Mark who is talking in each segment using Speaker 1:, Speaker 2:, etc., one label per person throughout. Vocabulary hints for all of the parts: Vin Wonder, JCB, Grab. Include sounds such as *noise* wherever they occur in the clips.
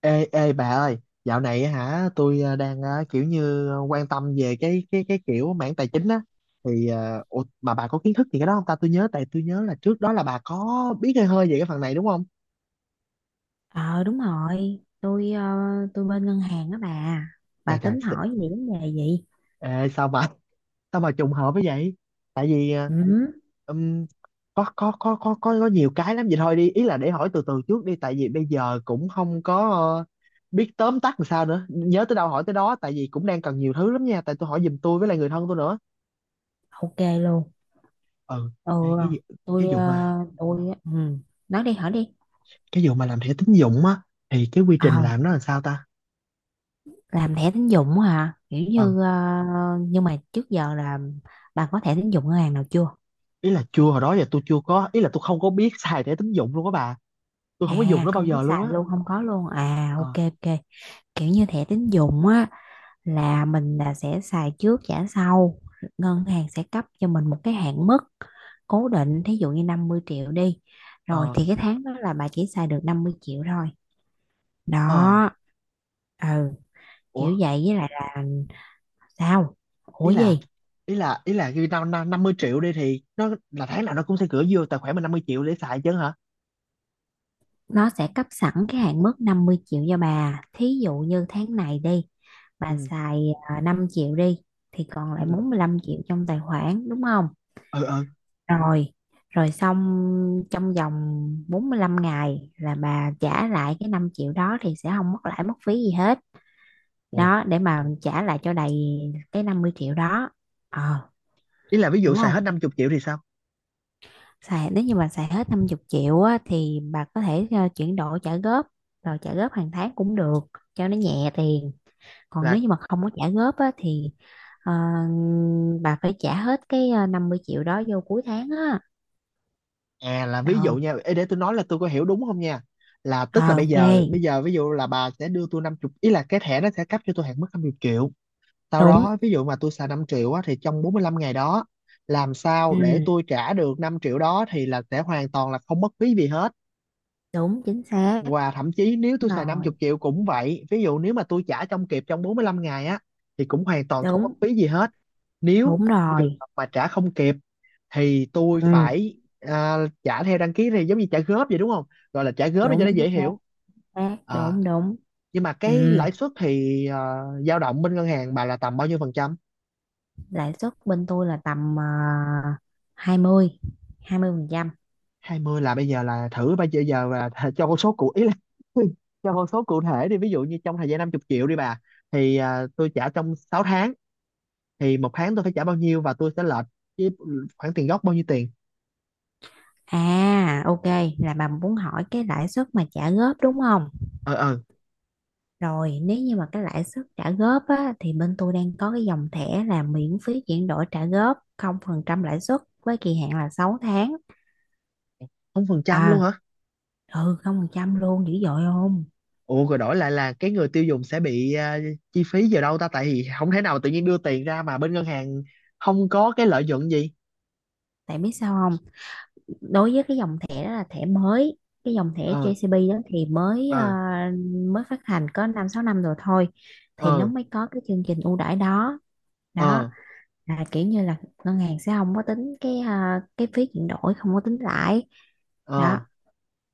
Speaker 1: Ê, ê bà ơi, dạo này á hả, tôi đang kiểu như quan tâm về cái kiểu mảng tài chính á thì ủa, mà bà có kiến thức gì cái đó không ta? Tôi nhớ, tôi nhớ là trước đó là bà có biết hơi hơi về cái phần này đúng không?
Speaker 2: Ờ, đúng rồi, tôi bên ngân hàng á bà. Bà
Speaker 1: Trời trời,
Speaker 2: tính hỏi gì vấn đề gì?
Speaker 1: ê, sao mà *laughs* sao mà trùng hợp với vậy? Tại vì
Speaker 2: Ừ,
Speaker 1: ừm, có nhiều cái lắm vậy thôi đi, ý là để hỏi từ từ trước đi, tại vì bây giờ cũng không có biết tóm tắt làm sao nữa. Nhớ tới đâu hỏi tới đó, tại vì cũng đang cần nhiều thứ lắm nha, tại tôi hỏi giùm tôi với lại người thân tôi nữa.
Speaker 2: ok luôn.
Speaker 1: Ừ.
Speaker 2: Ừ,
Speaker 1: Đây cái
Speaker 2: tôi
Speaker 1: vụ
Speaker 2: ờ,
Speaker 1: mà,
Speaker 2: tôi ừ, Nói đi, hỏi đi.
Speaker 1: cái vụ mà làm thẻ tín dụng á thì cái quy trình
Speaker 2: Ờ,
Speaker 1: làm nó là sao ta?
Speaker 2: làm thẻ tín dụng hả? Kiểu
Speaker 1: Ừ,
Speaker 2: như ờ, nhưng mà trước giờ là bà có thẻ tín dụng ngân hàng nào chưa?
Speaker 1: ý là chưa, hồi đó giờ tôi chưa có, ý là tôi không có biết *laughs* xài thẻ tín dụng luôn á bà, tôi không có dùng
Speaker 2: À,
Speaker 1: nó bao
Speaker 2: không biết
Speaker 1: giờ luôn á.
Speaker 2: xài luôn, không có luôn. À,
Speaker 1: Ờ.
Speaker 2: ok ok. Kiểu như thẻ tín dụng á, là mình sẽ xài trước trả sau, ngân hàng sẽ cấp cho mình một cái hạn mức cố định, thí dụ như 50 triệu đi, rồi
Speaker 1: Ờ.
Speaker 2: thì cái tháng đó là bà chỉ xài được 50 triệu thôi.
Speaker 1: Ờ.
Speaker 2: Đó, ừ,
Speaker 1: Ủa.
Speaker 2: kiểu vậy. Với lại là, sao, ủa
Speaker 1: ý là
Speaker 2: gì?
Speaker 1: ý là ý là khi tao năm năm mươi triệu đi thì nó là tháng nào nó cũng sẽ gửi vô tài khoản mình 50 triệu để xài chứ hả?
Speaker 2: Nó sẽ cấp sẵn cái hạn mức 50 triệu cho bà, thí dụ như tháng này đi, bà
Speaker 1: ừ
Speaker 2: xài 5 triệu đi, thì còn lại
Speaker 1: ừ
Speaker 2: 45 triệu trong tài khoản đúng không?
Speaker 1: ừ. Ừ.
Speaker 2: Rồi, rồi xong, trong vòng 45 ngày là bà trả lại cái 5 triệu đó thì sẽ không mất lãi mất phí gì hết.
Speaker 1: Ồ.
Speaker 2: Đó, để mà trả lại cho đầy cái 50 triệu đó. Ờ,
Speaker 1: Ý là ví dụ
Speaker 2: hiểu
Speaker 1: xài hết
Speaker 2: không?
Speaker 1: 50 triệu thì sao?
Speaker 2: Nếu như mà xài hết 50 triệu á, thì bà có thể chuyển đổi trả góp, rồi trả góp hàng tháng cũng được, cho nó nhẹ tiền. Còn
Speaker 1: Là.
Speaker 2: nếu như mà không có trả góp á, thì ờ, bà phải trả hết cái 50 triệu đó vô cuối tháng á.
Speaker 1: À, là
Speaker 2: Ờ
Speaker 1: ví dụ nha ê, để tôi nói là tôi có hiểu đúng không nha, là tức là
Speaker 2: Ờ,
Speaker 1: bây
Speaker 2: ok.
Speaker 1: giờ bây giờ ví dụ là bà sẽ đưa tôi 50, ý là cái thẻ nó sẽ cấp cho tôi hạn mức 50 triệu, sau
Speaker 2: Đúng.
Speaker 1: đó ví dụ mà tôi xài 5 triệu á, thì trong 45 ngày đó làm sao để
Speaker 2: Ừ,
Speaker 1: tôi trả được 5 triệu đó thì là sẽ hoàn toàn là không mất phí gì hết,
Speaker 2: đúng, chính xác.
Speaker 1: và thậm chí nếu
Speaker 2: Đúng
Speaker 1: tôi xài 50
Speaker 2: rồi.
Speaker 1: triệu cũng vậy, ví dụ nếu mà tôi trả trong kịp, trong 45 ngày á, thì cũng hoàn toàn không mất
Speaker 2: Đúng.
Speaker 1: phí gì hết. Nếu
Speaker 2: Đúng
Speaker 1: trường
Speaker 2: rồi
Speaker 1: hợp mà trả không kịp thì tôi
Speaker 2: ừ
Speaker 1: phải, trả theo đăng ký thì giống như trả góp vậy đúng không, gọi là trả góp để cho
Speaker 2: đúng
Speaker 1: nó
Speaker 2: chính
Speaker 1: dễ
Speaker 2: xác
Speaker 1: hiểu.
Speaker 2: xác
Speaker 1: Ờ,
Speaker 2: đúng đúng
Speaker 1: nhưng mà
Speaker 2: Ừ,
Speaker 1: cái lãi suất thì dao động bên ngân hàng bà là tầm bao nhiêu phần trăm?
Speaker 2: lãi suất bên tôi là tầm 20, 20%.
Speaker 1: 20 là bây giờ là thử bây giờ giờ là *laughs* cho con số cụ ý là *laughs* cho con số cụ thể đi, ví dụ như trong thời gian 50 triệu đi bà, thì tôi trả trong 6 tháng thì 1 tháng tôi phải trả bao nhiêu và tôi sẽ lệch với khoản tiền gốc bao nhiêu tiền?
Speaker 2: À, ok, là bà muốn hỏi cái lãi suất mà trả góp đúng không?
Speaker 1: Ờ. Ờ.
Speaker 2: Rồi, nếu như mà cái lãi suất trả góp á, thì bên tôi đang có cái dòng thẻ là miễn phí chuyển đổi trả góp không phần trăm lãi suất với kỳ hạn là 6 tháng.
Speaker 1: 0% luôn
Speaker 2: Ờ,
Speaker 1: hả?
Speaker 2: ừ, không phần trăm luôn, dữ dội không?
Speaker 1: Ủa rồi đổi lại là cái người tiêu dùng sẽ bị, chi phí vào đâu ta, tại vì không thể nào tự nhiên đưa tiền ra mà bên ngân hàng không có cái lợi nhuận gì.
Speaker 2: Tại biết sao, đối với cái dòng thẻ đó là thẻ mới, cái dòng thẻ
Speaker 1: Ờ.
Speaker 2: JCB đó thì mới ờ,
Speaker 1: Ờ.
Speaker 2: mới phát hành có 5 6 năm rồi thôi, thì nó
Speaker 1: Ờ.
Speaker 2: mới có cái chương trình ưu đãi đó. Đó,
Speaker 1: Ờ.
Speaker 2: là kiểu như là ngân hàng sẽ không có tính cái phí chuyển đổi, không có tính lãi.
Speaker 1: Ờ.
Speaker 2: Đó,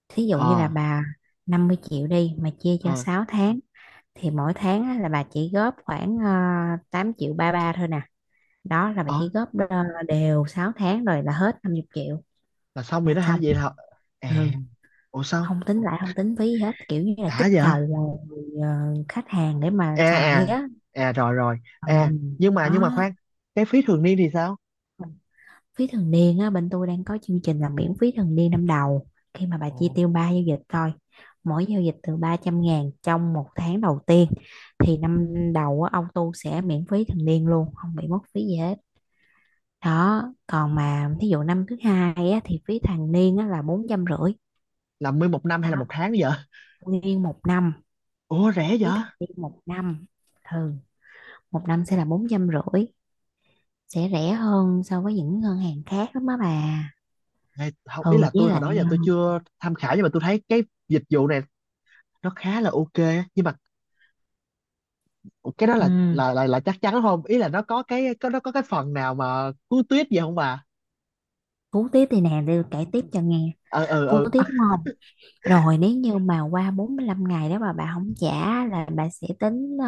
Speaker 2: thí dụ như
Speaker 1: Ờ.
Speaker 2: là bà 50 triệu đi mà chia cho
Speaker 1: Ờ.
Speaker 2: 6 tháng, thì mỗi tháng á, là bà chỉ góp khoảng 8 triệu ba ba thôi nè. Đó là bà
Speaker 1: Ờ.
Speaker 2: chỉ góp đều 6 tháng rồi là hết 50 triệu,
Speaker 1: Là xong rồi
Speaker 2: là
Speaker 1: đó hả,
Speaker 2: xong.
Speaker 1: vậy là? À.
Speaker 2: Ừ,
Speaker 1: Ủa sao?
Speaker 2: không tính lại, không tính phí gì hết, kiểu như là
Speaker 1: Đã
Speaker 2: kích
Speaker 1: vậy à?
Speaker 2: cầu ờ, khách hàng để mà xài
Speaker 1: À.
Speaker 2: á.
Speaker 1: À rồi rồi.
Speaker 2: Ừ.
Speaker 1: À, nhưng mà,
Speaker 2: Đó,
Speaker 1: khoan, cái phí thường niên thì sao?
Speaker 2: phí thường niên á, bên tôi đang có chương trình là miễn phí thường niên năm đầu khi mà bà chi
Speaker 1: Ồ.
Speaker 2: tiêu 3 giao dịch thôi, mỗi giao dịch từ 300 ngàn trong 1 tháng đầu tiên, thì năm đầu á, ông tu sẽ miễn phí thường niên luôn, không bị mất phí gì hết. Đó, còn mà thí dụ năm thứ hai á, thì phí thường niên á, là 450 ngàn.
Speaker 1: Là mười một năm hay là
Speaker 2: Đó,
Speaker 1: một tháng vậy?
Speaker 2: nguyên 1 năm.
Speaker 1: Ủa rẻ
Speaker 2: Phí
Speaker 1: vậy?
Speaker 2: thường niên 1 năm. Ừ, 1 năm sẽ là 450 ngàn, sẽ rẻ hơn so với những ngân hàng khác lắm á bà.
Speaker 1: Này, không, ý
Speaker 2: Ừ,
Speaker 1: là
Speaker 2: với
Speaker 1: tôi hồi đó
Speaker 2: lại,
Speaker 1: giờ tôi chưa tham khảo nhưng mà tôi thấy cái dịch vụ này nó khá là ok á. Nhưng mà cái đó là,
Speaker 2: ừ,
Speaker 1: chắc chắn không, ý là nó có cái, có nó có cái phần nào mà cứu tuyết gì không bà?
Speaker 2: cú tiếp thì nè, để kể tiếp cho nghe.
Speaker 1: Ờ. Ờ.
Speaker 2: Cú
Speaker 1: Ờ.
Speaker 2: tiếp, đúng không? Rồi, nếu như mà qua 45 ngày đó mà bà không trả, là bà sẽ tính ờ,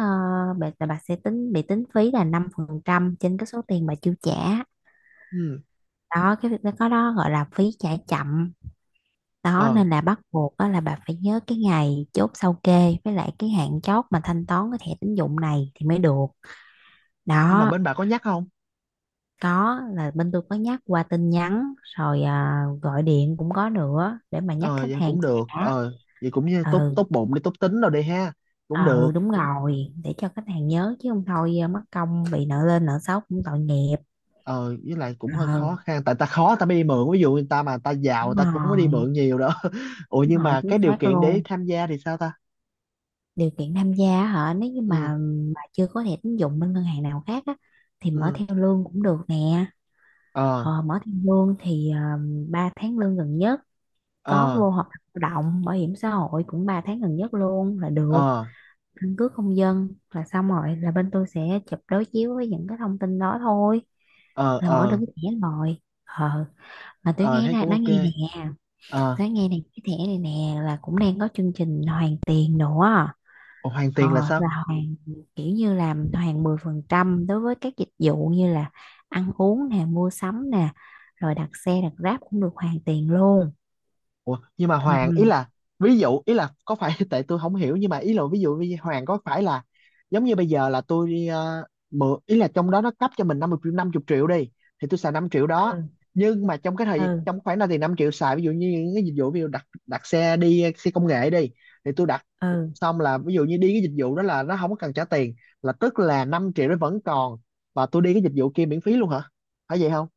Speaker 2: bà, là bà sẽ tính bị tính phí là 5% trên cái số tiền bà chưa trả.
Speaker 1: Ừ.
Speaker 2: Đó, cái việc đó có, đó gọi là phí trả chậm. Đó
Speaker 1: Ờ,
Speaker 2: nên là bắt buộc đó là bà phải nhớ cái ngày chốt sao kê với lại cái hạn chót mà thanh toán cái thẻ tín dụng này thì mới được.
Speaker 1: nhưng mà
Speaker 2: Đó.
Speaker 1: bên bà có nhắc không?
Speaker 2: Có, là bên tôi có nhắc qua tin nhắn rồi gọi điện cũng có nữa để mà nhắc
Speaker 1: Ờ
Speaker 2: khách
Speaker 1: vậy
Speaker 2: hàng
Speaker 1: cũng
Speaker 2: trả
Speaker 1: được,
Speaker 2: đã.
Speaker 1: ờ, vậy cũng như tốt,
Speaker 2: Ừ,
Speaker 1: tốt bụng đi, tốt tính rồi đi ha, cũng được.
Speaker 2: ừ, đúng rồi, để cho khách hàng nhớ, chứ không thôi mất công bị nợ, lên nợ xấu cũng tội nghiệp.
Speaker 1: Ờ với lại cũng hơi
Speaker 2: Ừ,
Speaker 1: khó khăn, tại ta khó ta mới đi mượn, ví dụ người ta mà ta giàu người
Speaker 2: đúng
Speaker 1: ta cũng không có đi
Speaker 2: rồi,
Speaker 1: mượn nhiều đâu *laughs* ủa
Speaker 2: đúng
Speaker 1: nhưng
Speaker 2: rồi,
Speaker 1: mà
Speaker 2: chính
Speaker 1: cái điều
Speaker 2: xác
Speaker 1: kiện để
Speaker 2: luôn.
Speaker 1: tham gia thì sao ta?
Speaker 2: Điều kiện tham gia hả? Nếu như
Speaker 1: Ừ.
Speaker 2: mà chưa có thẻ tín dụng bên ngân hàng nào khác á, thì mở
Speaker 1: Ừ.
Speaker 2: theo lương cũng được nè.
Speaker 1: Ờ.
Speaker 2: Ờ, mở theo lương thì 3 tháng lương gần nhất, có
Speaker 1: Ờ.
Speaker 2: vô hợp đồng lao động, bảo hiểm xã hội cũng 3 tháng gần nhất luôn là được,
Speaker 1: Ờ.
Speaker 2: căn cước công dân là xong, rồi là bên tôi sẽ chụp đối chiếu với những cái thông tin đó thôi,
Speaker 1: Ờ.
Speaker 2: là mở được
Speaker 1: Ờ.
Speaker 2: cái thẻ rồi. Ờ, mà tôi
Speaker 1: Ờ
Speaker 2: nghe
Speaker 1: thấy
Speaker 2: nè
Speaker 1: cũng
Speaker 2: nói
Speaker 1: ok.
Speaker 2: nghe nè
Speaker 1: Ờ.
Speaker 2: tôi nghe nè cái thẻ này nè là cũng đang có chương trình hoàn tiền nữa.
Speaker 1: Ủa, hoàn
Speaker 2: Ờ,
Speaker 1: tiền là sao?
Speaker 2: là hoàn, kiểu như làm hoàn 10% đối với các dịch vụ như là ăn uống nè, mua sắm nè, rồi đặt xe, đặt Grab cũng được hoàn tiền luôn.
Speaker 1: Ủa, nhưng mà Hoàng, ý
Speaker 2: ừ
Speaker 1: là ví dụ, ý là có phải *laughs* tại tôi không hiểu nhưng mà ý là ví dụ như Hoàng có phải là giống như bây giờ là tôi đi, mượn, ý là trong đó nó cấp cho mình 50 triệu, 50 triệu đi, thì tôi xài 5 triệu đó,
Speaker 2: ừ
Speaker 1: nhưng mà trong cái thời,
Speaker 2: ừ
Speaker 1: trong khoảng đó thì 5 triệu xài ví dụ như những cái dịch vụ ví dụ đặt đặt xe đi, xe công nghệ đi, thì tôi đặt
Speaker 2: ừ. ừ.
Speaker 1: xong, là ví dụ như đi cái dịch vụ đó là nó không có cần trả tiền, là tức là 5 triệu nó vẫn còn và tôi đi cái dịch vụ kia miễn phí luôn hả, phải vậy không?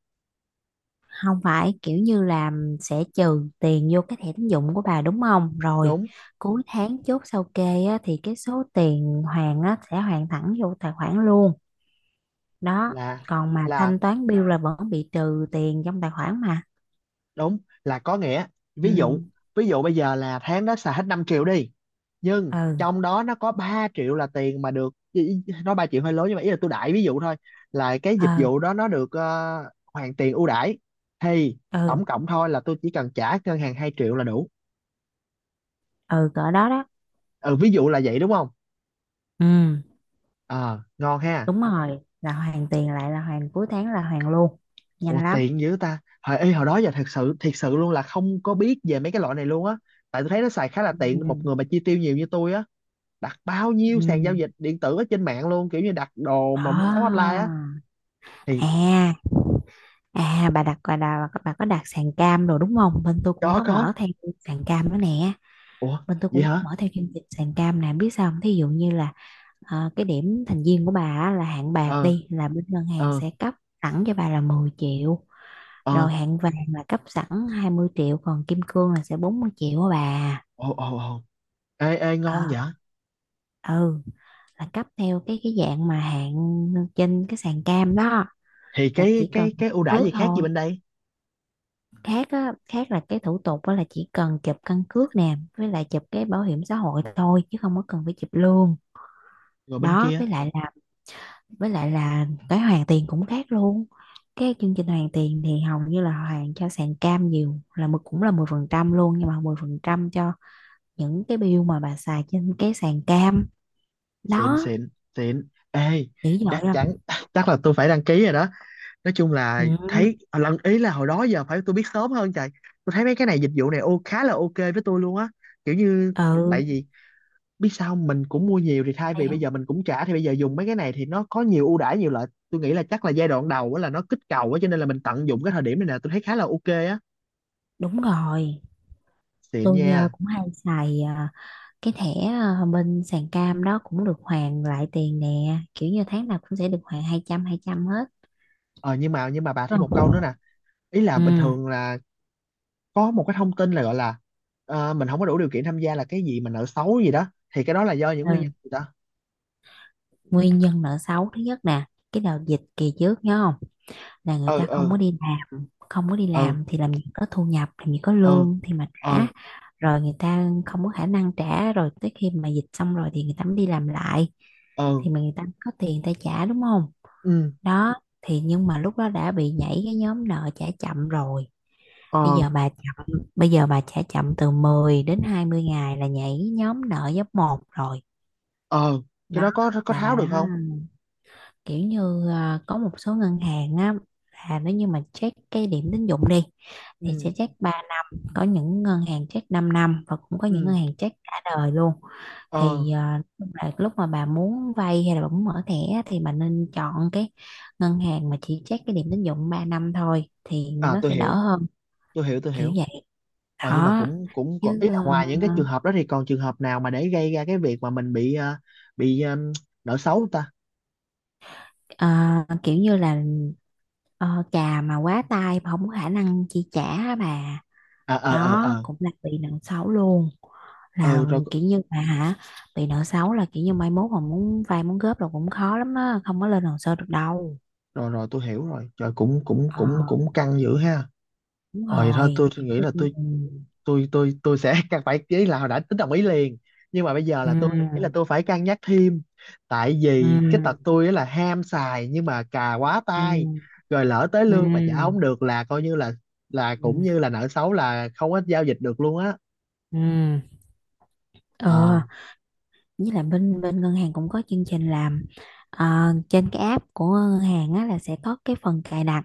Speaker 2: Không, phải kiểu như là sẽ trừ tiền vô cái thẻ tín dụng của bà đúng không? Rồi
Speaker 1: Đúng.
Speaker 2: cuối tháng chốt sao kê á, thì cái số tiền hoàn á, sẽ hoàn thẳng vô tài khoản luôn. Đó,
Speaker 1: là
Speaker 2: còn mà
Speaker 1: là
Speaker 2: thanh toán bill là vẫn bị trừ tiền trong tài khoản mà.
Speaker 1: đúng. Là có nghĩa ví dụ,
Speaker 2: ừ
Speaker 1: ví dụ bây giờ là tháng đó xài hết 5 triệu đi, nhưng
Speaker 2: ừ
Speaker 1: trong đó nó có 3 triệu là tiền mà được, nói 3 triệu hơi lớn nhưng mà ý là tôi đại ví dụ thôi, là cái
Speaker 2: ừ
Speaker 1: dịch vụ đó nó được, hoàn tiền ưu đãi, thì
Speaker 2: ừ
Speaker 1: tổng cộng thôi là tôi chỉ cần trả ngân hàng 2 triệu là đủ.
Speaker 2: ừ cỡ đó đó.
Speaker 1: Ừ ví dụ là vậy đúng không?
Speaker 2: Ừ,
Speaker 1: Ờ ngon ha.
Speaker 2: đúng rồi, là hoàn tiền lại là hoàn cuối tháng, là hoàn luôn,
Speaker 1: Ủa
Speaker 2: nhanh lắm.
Speaker 1: tiện dữ ta, hồi đó giờ thật sự thiệt sự luôn là không có biết về mấy cái loại này luôn á, tại tôi thấy nó xài khá là tiện cho một
Speaker 2: ừ
Speaker 1: người mà chi tiêu nhiều như tôi á, đặt bao nhiêu
Speaker 2: ừ
Speaker 1: sàn giao dịch điện tử ở trên mạng luôn, kiểu như đặt đồ mà mua sắm online
Speaker 2: à
Speaker 1: á thì.
Speaker 2: à À, bà bà có đặt sàn cam rồi đúng không? Bên tôi cũng
Speaker 1: Có
Speaker 2: có
Speaker 1: có.
Speaker 2: mở theo sàn cam nữa nè.
Speaker 1: Ủa
Speaker 2: Bên tôi
Speaker 1: vậy
Speaker 2: cũng có
Speaker 1: hả?
Speaker 2: mở theo chương trình sàn cam nè. Biết sao không? Thí dụ như là cái điểm thành viên của bà á, là hạng bạc
Speaker 1: Ờ.
Speaker 2: đi, là bên ngân hàng
Speaker 1: Ờ.
Speaker 2: sẽ cấp sẵn cho bà là 10 triệu.
Speaker 1: Ờ.
Speaker 2: Rồi hạng vàng là cấp sẵn 20 triệu. Còn kim cương là sẽ 40 triệu á bà.
Speaker 1: Ồ. Ồ. Ồ. Ê, ê ngon
Speaker 2: Ờ,
Speaker 1: vậy,
Speaker 2: ừ, là cấp theo cái dạng mà hạng trên cái sàn cam đó,
Speaker 1: thì
Speaker 2: là
Speaker 1: cái
Speaker 2: chỉ cần
Speaker 1: cái cái ưu đãi
Speaker 2: cước
Speaker 1: gì khác gì
Speaker 2: thôi.
Speaker 1: bên đây,
Speaker 2: Khác á, khác là cái thủ tục đó là chỉ cần chụp căn cước nè, với lại chụp cái bảo hiểm xã hội thôi, chứ không có cần phải chụp lương.
Speaker 1: rồi bên
Speaker 2: Đó,
Speaker 1: kia?
Speaker 2: với lại là cái hoàn tiền cũng khác luôn. Cái chương trình hoàn tiền thì hầu như là hoàn cho sàn cam nhiều, là mười, cũng là 10% luôn, nhưng mà 10% cho những cái bill mà bà xài trên cái sàn cam
Speaker 1: Xịn.
Speaker 2: đó.
Speaker 1: Xịn. Xịn ê.
Speaker 2: Dữ dội
Speaker 1: Chắc chắn
Speaker 2: không?
Speaker 1: *laughs* chắc là tôi phải đăng ký rồi đó, nói chung là
Speaker 2: Ừ,
Speaker 1: thấy lần, ý là hồi đó giờ phải tôi biết sớm hơn trời, tôi thấy mấy cái này dịch vụ này ô khá là ok với tôi luôn á, kiểu như, tại
Speaker 2: ừ,
Speaker 1: vì biết sao không? Mình cũng mua nhiều thì thay
Speaker 2: hay
Speaker 1: vì bây
Speaker 2: không?
Speaker 1: giờ mình cũng trả thì bây giờ dùng mấy cái này thì nó có nhiều ưu đãi nhiều lợi, tôi nghĩ là chắc là giai đoạn đầu á là nó kích cầu á cho nên là mình tận dụng cái thời điểm này nè, tôi thấy khá là ok á.
Speaker 2: Đúng rồi,
Speaker 1: Xịn
Speaker 2: tôi
Speaker 1: nha.
Speaker 2: ờ, cũng hay xài cái thẻ bên sàn cam đó cũng được hoàn lại tiền nè, kiểu như tháng nào cũng sẽ được hoàn 200 ngàn, 200 ngàn hết.
Speaker 1: Ờ, nhưng mà, bà thêm
Speaker 2: Đúng
Speaker 1: một câu
Speaker 2: không?
Speaker 1: nữa nè, ý là bình
Speaker 2: Ừ.
Speaker 1: thường là có một cái thông tin là gọi là, mình không có đủ điều kiện tham gia là cái gì mà nợ xấu gì đó, thì cái đó là do những nguyên
Speaker 2: Ừ.
Speaker 1: nhân gì đó.
Speaker 2: Nguyên nhân nợ xấu thứ nhất nè, cái đợt dịch kỳ trước nhớ không? Là người
Speaker 1: Ừ.
Speaker 2: ta không
Speaker 1: Ừ.
Speaker 2: có đi làm, không có đi
Speaker 1: Ừ.
Speaker 2: làm thì làm gì có thu nhập, làm gì có
Speaker 1: Ừ.
Speaker 2: lương thì mà
Speaker 1: Ừ.
Speaker 2: trả. Rồi người ta không có khả năng trả, rồi tới khi mà dịch xong rồi thì người ta mới đi làm lại,
Speaker 1: Ừ.
Speaker 2: thì mà người ta có tiền, người ta trả đúng không?
Speaker 1: Ừ.
Speaker 2: Đó, thì nhưng mà lúc đó đã bị nhảy cái nhóm nợ trả chậm rồi. bây
Speaker 1: Ờ.
Speaker 2: giờ bà chậm bây giờ bà trả chậm từ 10 đến 20 ngày là nhảy nhóm nợ giáp một rồi.
Speaker 1: Ờ. Cái
Speaker 2: Đó
Speaker 1: đó có
Speaker 2: là
Speaker 1: tháo
Speaker 2: bà
Speaker 1: được
Speaker 2: đó,
Speaker 1: không?
Speaker 2: kiểu như có một số ngân hàng á, là nếu như mà check cái điểm tín dụng đi, thì
Speaker 1: Ừ.
Speaker 2: sẽ check ba, có những ngân hàng check 5 năm, và cũng có
Speaker 1: Ừ.
Speaker 2: những ngân hàng check cả đời luôn.
Speaker 1: Ờ.
Speaker 2: Thì lúc mà bà muốn vay hay là bà muốn mở thẻ á, thì bà nên chọn cái ngân hàng mà chỉ check cái điểm tín dụng 3 năm thôi, thì
Speaker 1: À
Speaker 2: nó
Speaker 1: tôi
Speaker 2: sẽ đỡ
Speaker 1: hiểu
Speaker 2: hơn.
Speaker 1: tôi hiểu tôi
Speaker 2: Kiểu
Speaker 1: hiểu.
Speaker 2: vậy.
Speaker 1: Ờ nhưng mà
Speaker 2: Đó
Speaker 1: cũng cũng có-
Speaker 2: chứ
Speaker 1: ý là
Speaker 2: ờ,
Speaker 1: ngoài những cái trường hợp đó thì còn trường hợp nào mà để gây ra cái việc mà mình bị, bị, nợ xấu không ta?
Speaker 2: ờ, Kiểu như là trà mà quá tay mà không có khả năng chi trả á bà.
Speaker 1: À, ờ ờ
Speaker 2: Đó
Speaker 1: ờ.
Speaker 2: cũng là bị nợ xấu luôn. Là
Speaker 1: Ờ rồi
Speaker 2: kiểu như bà hả, bị nợ xấu là kiểu như mai mốt mà muốn vay, muốn góp là cũng khó lắm á, không có lên hồ sơ được đâu.
Speaker 1: rồi, rồi tôi hiểu rồi. Trời cũng cũng
Speaker 2: Ờ,
Speaker 1: cũng cũng căng dữ ha.
Speaker 2: đúng
Speaker 1: Ờ vậy thôi
Speaker 2: rồi.
Speaker 1: tôi nghĩ là
Speaker 2: ừ
Speaker 1: tôi sẽ *laughs* cần phải, ý là hồi đã tính đồng ý liền. Nhưng mà bây giờ là tôi nghĩ là
Speaker 2: ừ
Speaker 1: tôi phải cân nhắc thêm. Tại
Speaker 2: ừ
Speaker 1: vì cái tật tôi á là ham xài nhưng mà cà quá
Speaker 2: ừ
Speaker 1: tay. Rồi lỡ tới
Speaker 2: ừ
Speaker 1: lương mà trả không được là coi như là cũng như là nợ xấu, là không có giao dịch được luôn á.
Speaker 2: ừ ờ,
Speaker 1: Ờ.
Speaker 2: với lại bên bên ngân hàng cũng có chương trình làm ờ, trên cái app của ngân hàng á, là sẽ có cái phần cài đặt,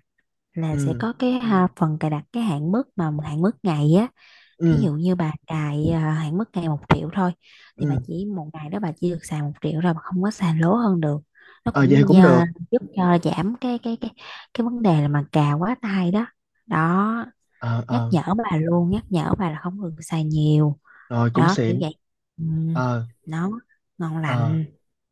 Speaker 2: là sẽ
Speaker 1: Ừ.
Speaker 2: có cái phần cài đặt cái hạn mức, mà hạn mức ngày á, thí
Speaker 1: Ừ.
Speaker 2: dụ như bà cài hạn mức ngày 1 triệu thôi, thì bà
Speaker 1: Ừ.
Speaker 2: chỉ một ngày đó bà chỉ được xài 1 triệu, rồi bà không có xài lố hơn được. Nó
Speaker 1: Ờ vậy
Speaker 2: cũng
Speaker 1: cũng được.
Speaker 2: giúp cho giảm cái vấn đề là mà cà quá tay đó. Đó,
Speaker 1: Ờ.
Speaker 2: nhắc
Speaker 1: Ờ
Speaker 2: nhở bà luôn, nhắc nhở bà là không được xài nhiều.
Speaker 1: rồi cũng
Speaker 2: Đó kiểu
Speaker 1: xịn.
Speaker 2: vậy. Ừ,
Speaker 1: Ờ.
Speaker 2: nó ngon
Speaker 1: Ờ.
Speaker 2: lành.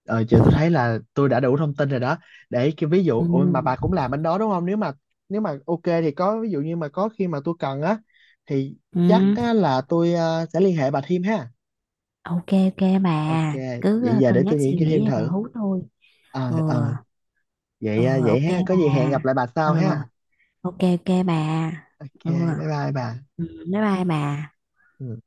Speaker 1: Ờ giờ tôi thấy là tôi đã đủ thông tin rồi đó, để cái ví dụ
Speaker 2: Ừ,
Speaker 1: ôi mà bà cũng làm bên đó đúng không, nếu mà ok thì có ví dụ như mà có khi mà tôi cần á thì chắc
Speaker 2: ừ,
Speaker 1: á, là tôi sẽ liên hệ bà thêm ha.
Speaker 2: ok ok bà,
Speaker 1: Ok.
Speaker 2: cứ
Speaker 1: Vậy giờ để
Speaker 2: cân nhắc
Speaker 1: tôi nghĩ
Speaker 2: suy
Speaker 1: cái thêm
Speaker 2: nghĩ rồi
Speaker 1: thử.
Speaker 2: hú tôi.
Speaker 1: Ờ.
Speaker 2: Ừ.
Speaker 1: Ờ.
Speaker 2: Ừ.
Speaker 1: Vậy, vậy
Speaker 2: Ok
Speaker 1: ha, có
Speaker 2: bà.
Speaker 1: gì hẹn gặp lại bà sau
Speaker 2: Ừ.
Speaker 1: ha.
Speaker 2: Ok ok bà.
Speaker 1: Ok,
Speaker 2: Ừ.
Speaker 1: bye bye bà.
Speaker 2: Ừ, bye bye bà.
Speaker 1: Ừ.